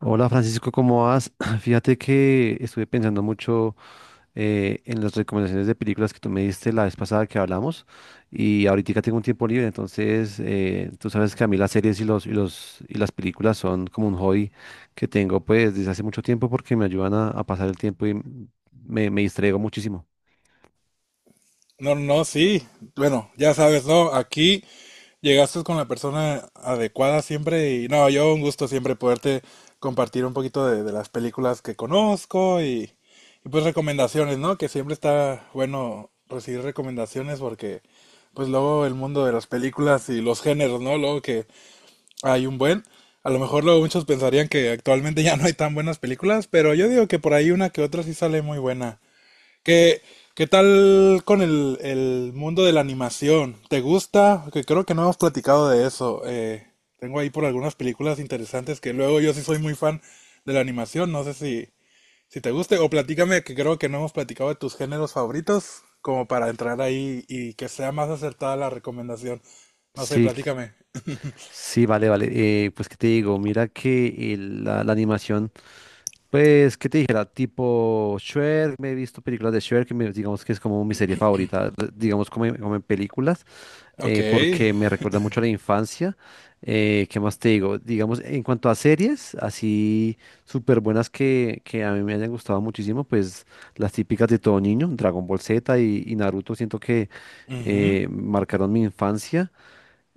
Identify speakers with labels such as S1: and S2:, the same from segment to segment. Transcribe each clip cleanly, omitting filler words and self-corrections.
S1: Hola Francisco, ¿cómo vas? Fíjate que estuve pensando mucho en las recomendaciones de películas que tú me diste la vez pasada que hablamos y ahorita tengo un tiempo libre, entonces tú sabes que a mí las series y las películas son como un hobby que tengo pues desde hace mucho tiempo porque me ayudan a pasar el tiempo y me distraigo muchísimo.
S2: No, no, no, sí. Bueno, ya sabes, ¿no? Aquí llegaste con la persona adecuada siempre y no, yo un gusto siempre poderte compartir un poquito de las películas que conozco y, pues recomendaciones, ¿no? Que siempre está bueno recibir recomendaciones porque pues luego el mundo de las películas y los géneros, ¿no? Luego que hay un buen, a lo mejor luego muchos pensarían que actualmente ya no hay tan buenas películas, pero yo digo que por ahí una que otra sí sale muy buena. ¿Qué, qué tal con el mundo de la animación? ¿Te gusta? Que creo que no hemos platicado de eso. Tengo ahí por algunas películas interesantes que luego yo sí soy muy fan de la animación. No sé si te guste o platícame que creo que no hemos platicado de tus géneros favoritos como para entrar ahí y que sea más acertada la recomendación. No sé,
S1: Sí,
S2: platícame.
S1: sí, vale, vale. Pues, ¿qué te digo? Mira que la animación, pues, ¿qué te dijera? Tipo Shrek, me he visto películas de Shrek, que digamos que es como mi serie favorita, digamos como, como en películas,
S2: Ok.
S1: porque me recuerda mucho a la infancia. ¿Qué más te digo? Digamos, en cuanto a series, así súper buenas que a mí me hayan gustado muchísimo, pues las típicas de todo niño, Dragon Ball Z y Naruto, siento que marcaron mi infancia.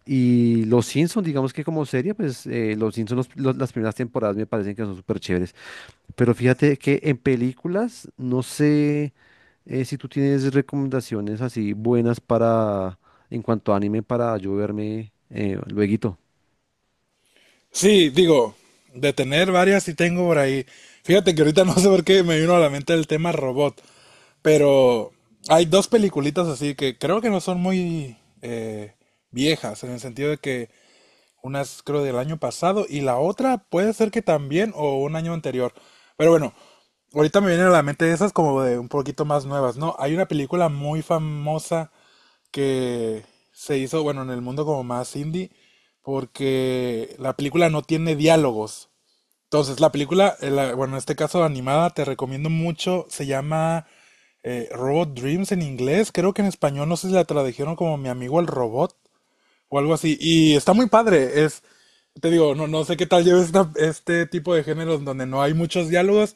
S1: Y Los Simpsons, digamos que como serie, pues Los Simpsons, las primeras temporadas me parecen que son súper chéveres. Pero fíjate que en películas, no sé, si tú tienes recomendaciones así buenas para, en cuanto a anime, para yo verme lueguito.
S2: Sí, digo, de tener varias sí tengo por ahí. Fíjate que ahorita no sé por qué me vino a la mente el tema robot, pero hay dos peliculitas así que creo que no son muy viejas, en el sentido de que una es creo del año pasado y la otra puede ser que también o un año anterior. Pero bueno, ahorita me vienen a la mente esas como de un poquito más nuevas, ¿no? Hay una película muy famosa que se hizo, bueno, en el mundo como más indie, porque la película no tiene diálogos. Entonces, la película, bueno, en este caso animada, te recomiendo mucho, se llama Robot Dreams en inglés, creo que en español no sé si la tradujeron como Mi amigo el robot, o algo así. Y está muy padre. Es, te digo, no, no sé qué tal lleves esta- este tipo de géneros donde no hay muchos diálogos,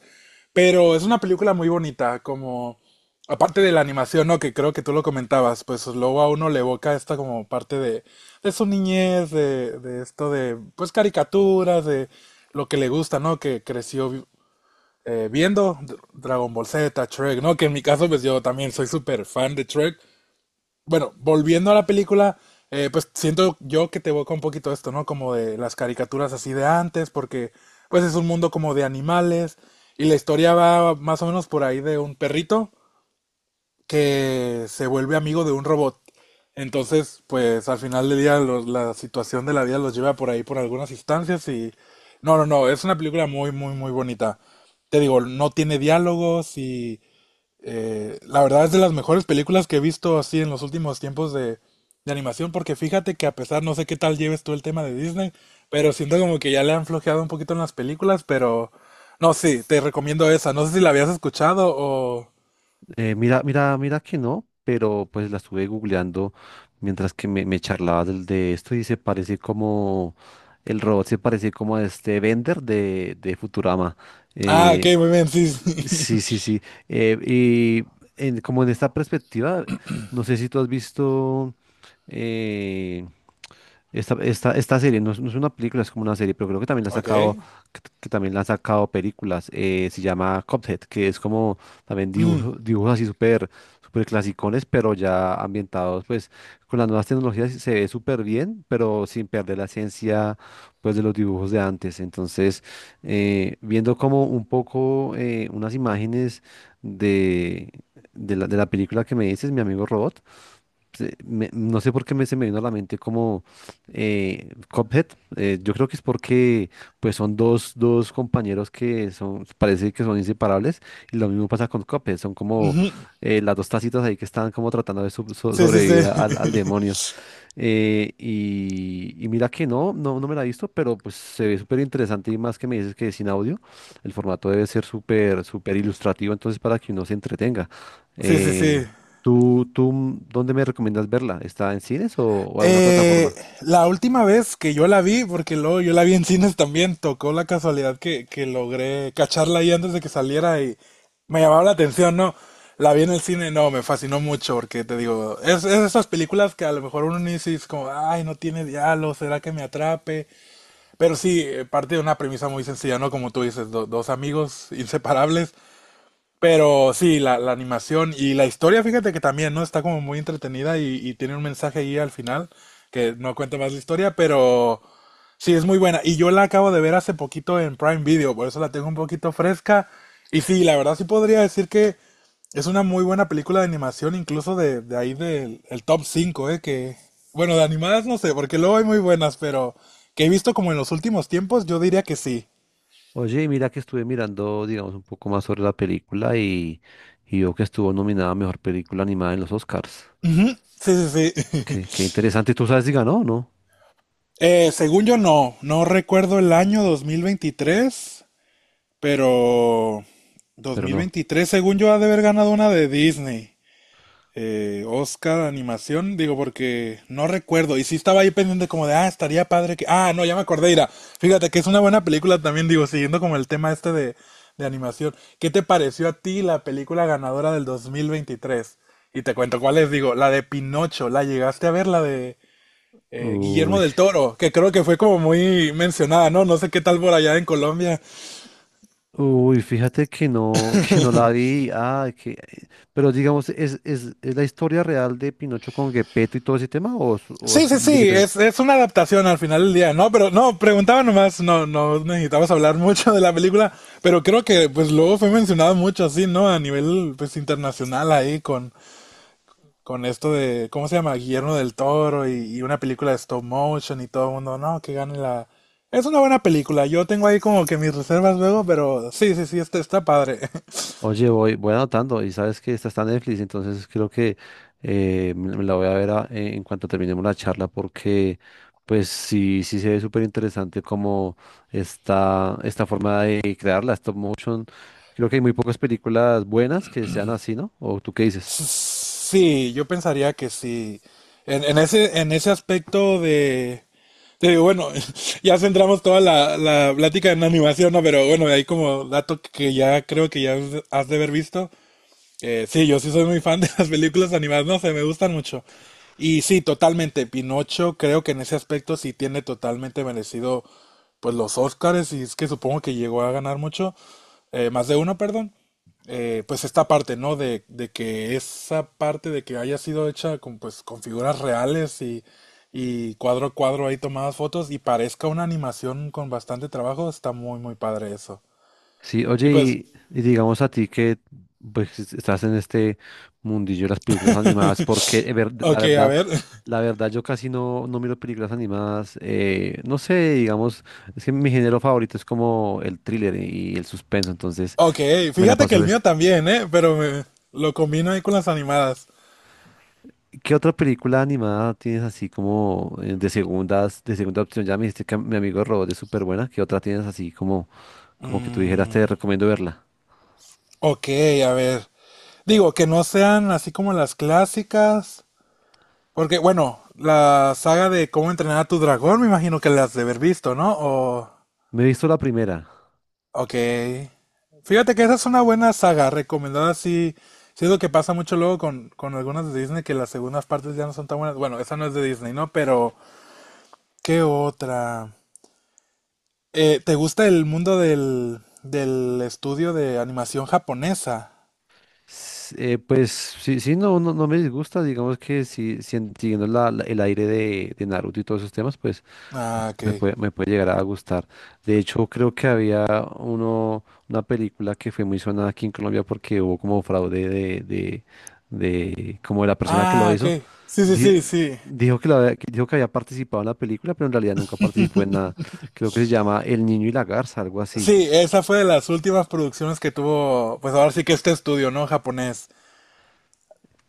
S2: pero es una película muy bonita, como, aparte de la animación, ¿no? Que creo que tú lo comentabas, pues luego a uno le evoca esta como parte de su niñez, de esto de, pues caricaturas, de lo que le gusta, ¿no? Que creció viendo Dragon Ball Z, Shrek, ¿no? Que en mi caso, pues yo también soy súper fan de Shrek. Bueno, volviendo a la película, pues siento yo que te evoca un poquito esto, ¿no? Como de las caricaturas así de antes, porque pues es un mundo como de animales y la historia va más o menos por ahí de un perrito que se vuelve amigo de un robot. Entonces, pues al final del día los- la situación de la vida los lleva por ahí por algunas instancias y... No, no, no, es una película muy, muy, muy bonita. Te digo, no tiene diálogos y la verdad es de las mejores películas que he visto así en los últimos tiempos de animación, porque fíjate que a pesar, no sé qué tal lleves tú el tema de Disney, pero siento como que ya le han flojeado un poquito en las películas, pero no, sí, te recomiendo esa. No sé si la habías escuchado o...
S1: Mira, que no, pero pues la estuve googleando mientras que me charlaba de esto y se parece como, el robot se parece como a este Bender de Futurama.
S2: Ah, ok,
S1: Eh,
S2: muy bien, sí, sí.
S1: Sí, sí, sí. Y como en esta perspectiva, no sé si tú has visto eh, esta serie. No es, no es una película, es como una serie, pero creo que también la ha sacado,
S2: Ok.
S1: que también la han sacado películas. Se llama Cuphead, que es como también
S2: Mm,
S1: dibujos así súper súper clasicones, pero ya ambientados, pues con las nuevas tecnologías se ve súper bien, pero sin perder la esencia, pues de los dibujos de antes. Entonces, viendo como un poco unas imágenes de, de de la película que me dices, mi amigo Robot, no sé por qué se me vino a la mente como Cuphead. Yo creo que es porque pues son dos compañeros que son, parece que son inseparables y lo mismo pasa con Cuphead. Son como
S2: ujú.
S1: las dos tacitas ahí que están como tratando de
S2: Sí, sí,
S1: sobrevivir al demonio.
S2: sí.
S1: Y mira que no me la he visto, pero pues se ve súper interesante y más que me dices que es sin audio, el formato debe ser súper, súper ilustrativo, entonces para que uno se entretenga.
S2: Sí, sí,
S1: Eh,
S2: sí.
S1: dónde me recomiendas verla? ¿Está en cines o alguna
S2: Eh,
S1: plataforma?
S2: la última vez que yo la vi, porque luego yo la vi en cines también, tocó la casualidad que logré cacharla ahí antes de que saliera y me llamaba la atención, ¿no? La vi en el cine, no, me fascinó mucho porque te digo, es esas películas que a lo mejor uno ni dice es como, ay, no tiene diálogo, ¿será que me atrape? Pero sí, parte de una premisa muy sencilla, ¿no? Como tú dices, dos amigos inseparables pero sí, la animación y la historia, fíjate que también, ¿no? Está como muy entretenida y tiene un mensaje ahí al final, que no cuenta más la historia, pero sí, es muy buena. Y yo la acabo de ver hace poquito en Prime Video, por eso la tengo un poquito fresca. Y sí, la verdad sí podría decir que es una muy buena película de animación, incluso de ahí del el top 5 ¿eh? Que, bueno, de animadas no sé, porque luego hay muy buenas, pero que he visto como en los últimos tiempos, yo diría que sí.
S1: Oye, y mira que estuve mirando, digamos, un poco más sobre la película, y veo que estuvo nominada a Mejor Película Animada en los Oscars.
S2: Ujú, sí, sí, sí.
S1: Qué, qué interesante, ¿tú sabes si ganó o no?
S2: Según yo no, no recuerdo el año 2023, pero dos
S1: Pero
S2: mil
S1: no.
S2: veintitrés según yo ha de haber ganado una de Disney. Oscar animación, digo porque no recuerdo y sí estaba ahí pendiente como de, ah, estaría padre que... Ah, no, ya me acordé, mira, fíjate que es una buena película también, digo, siguiendo como el tema este de animación. ¿Qué te pareció a ti la película ganadora del 2023? Y te cuento cuál es, digo, la de Pinocho, ¿la llegaste a ver, la de Guillermo
S1: Uy.
S2: del Toro, que creo que fue como muy mencionada, ¿no? No sé qué tal por allá en Colombia.
S1: Uy, fíjate que no, que no la vi. Ah, que, pero digamos, ¿es, es la historia real de Pinocho con Gepetto y todo ese tema? ¿O es o
S2: Sí,
S1: es
S2: sí,
S1: muy
S2: sí,
S1: diferente?
S2: es una adaptación al final del día, ¿no? Pero no, preguntaba nomás, no, no necesitabas hablar mucho de la película, pero creo que pues luego fue mencionado mucho así, ¿no? A nivel pues internacional ahí con esto de, ¿cómo se llama? Guillermo del Toro y una película de stop motion y todo el mundo, no, que gane la... Es una buena película, yo tengo ahí como que mis reservas luego, pero sí, sí, sí, está, está padre.
S1: Oye, voy, voy anotando y sabes que esta está en Netflix, entonces creo que me la voy a ver en cuanto terminemos la charla, porque pues sí, sí se ve súper interesante como esta forma de crear la stop motion. Creo que hay muy pocas películas buenas que sean así, ¿no? ¿O tú qué dices?
S2: Sí, yo pensaría que sí. En ese aspecto de, bueno, ya centramos toda la, la plática en animación, ¿no? Pero bueno, de ahí como dato que ya creo que ya has de haber visto. Sí, yo sí soy muy fan de las películas animadas, no sé, me gustan mucho. Y sí, totalmente, Pinocho creo que en ese aspecto sí tiene totalmente merecido pues los Oscars y es que supongo que llegó a ganar mucho, más de uno, perdón. Pues esta parte, ¿no? De que esa parte de que haya sido hecha con figuras reales y cuadro a cuadro ahí tomadas fotos y parezca una animación con bastante trabajo, está muy, muy padre eso.
S1: Sí,
S2: Y
S1: oye,
S2: pues,
S1: y digamos a ti que pues estás en este mundillo de las películas animadas, porque
S2: ok, a ver,
S1: la verdad yo casi no miro películas animadas. Eh, no sé, digamos, es que mi género favorito es como el thriller y el suspenso, entonces
S2: Ok,
S1: me la
S2: fíjate que
S1: paso
S2: el mío también, ¿eh? Pero me- lo combino ahí con las animadas.
S1: ¿Qué otra película animada tienes así como, de segundas, de segunda opción? Ya me dijiste que mi amigo Robot es súper buena, ¿qué otra tienes así como, como que tú dijeras te
S2: Mm,
S1: recomiendo verla?
S2: ok, a ver. Digo, que no sean así como las clásicas. Porque, bueno, la saga de cómo entrenar a tu dragón, me imagino que las has de haber visto, ¿no? O,
S1: Me he visto la primera.
S2: ok. Fíjate que esa es una buena saga, recomendada. Sí, sí es lo que pasa mucho luego con algunas de Disney que las segundas partes ya no son tan buenas. Bueno, esa no es de Disney, ¿no? Pero, ¿qué otra? ¿Te gusta el mundo del estudio de animación japonesa?
S1: Pues sí, sí, no, no, no me disgusta, digamos que si, si siguiendo el aire de Naruto y todos esos temas, pues
S2: Ah, ok.
S1: me puede llegar a gustar. De hecho, creo que había uno, una película que fue muy sonada aquí en Colombia porque hubo como fraude de, como, de la persona que lo
S2: Ah,
S1: hizo.
S2: ok. Sí, sí,
S1: Di-
S2: sí, sí.
S1: dijo que dijo que había participado en la película, pero en realidad nunca participó en nada. Creo que se llama El Niño y la Garza, algo así.
S2: Sí, esa fue de las últimas producciones que tuvo, pues ahora sí que este estudio, ¿no? Japonés.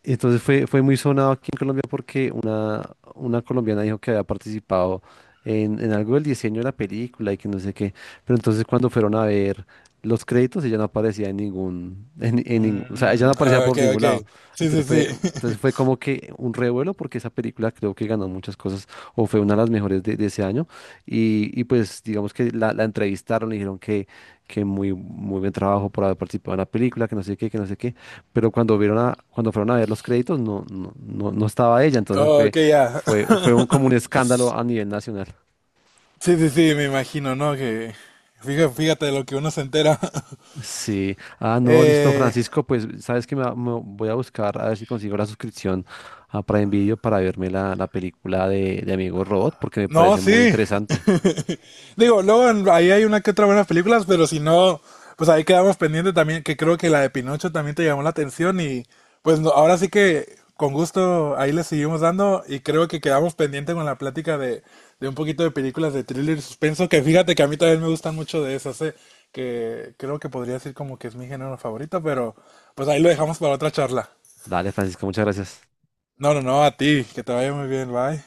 S1: Fue muy sonado aquí en Colombia porque una colombiana dijo que había participado en algo del diseño de la película y que no sé qué. Pero entonces cuando fueron a ver los créditos, ella no aparecía en ningún- o sea, ella
S2: Mm,
S1: no aparecía
S2: ah, ok,
S1: por ningún
S2: ok.
S1: lado.
S2: Sí, sí,
S1: Entonces fue,
S2: sí.
S1: entonces fue como que un revuelo porque esa película creo que ganó muchas cosas o fue una de las mejores de ese año. Y pues digamos que la entrevistaron, le dijeron que muy, muy buen trabajo por haber participado en la película, que no sé qué, que no sé qué, pero cuando vieron a, cuando fueron a ver los créditos no, no estaba ella.
S2: Oh, ok, ya.
S1: Fue un- como un escándalo a nivel nacional.
S2: Sí, sí, sí, me imagino, ¿no? Que fíjate, fíjate de lo que uno se entera.
S1: Sí, ah, no, listo,
S2: Eh,
S1: Francisco, pues sabes que me voy a buscar a ver si consigo la suscripción a Prime Video para verme la película de Amigo Robot, porque me
S2: no,
S1: parece muy
S2: sí.
S1: interesante.
S2: Digo, luego ahí hay una que otra buenas películas, pero si no, pues ahí quedamos pendiente también, que creo que la de Pinocho también te llamó la atención y pues no- ahora sí que con gusto ahí le seguimos dando y creo que quedamos pendiente con la plática de, un poquito de películas de thriller y suspenso, que fíjate que a mí también me gustan mucho de esas, que creo que podría decir como que es mi género favorito, pero pues ahí lo dejamos para otra charla.
S1: Dale, Francisco, muchas gracias.
S2: No, no, no, a ti, que te vaya muy bien, bye.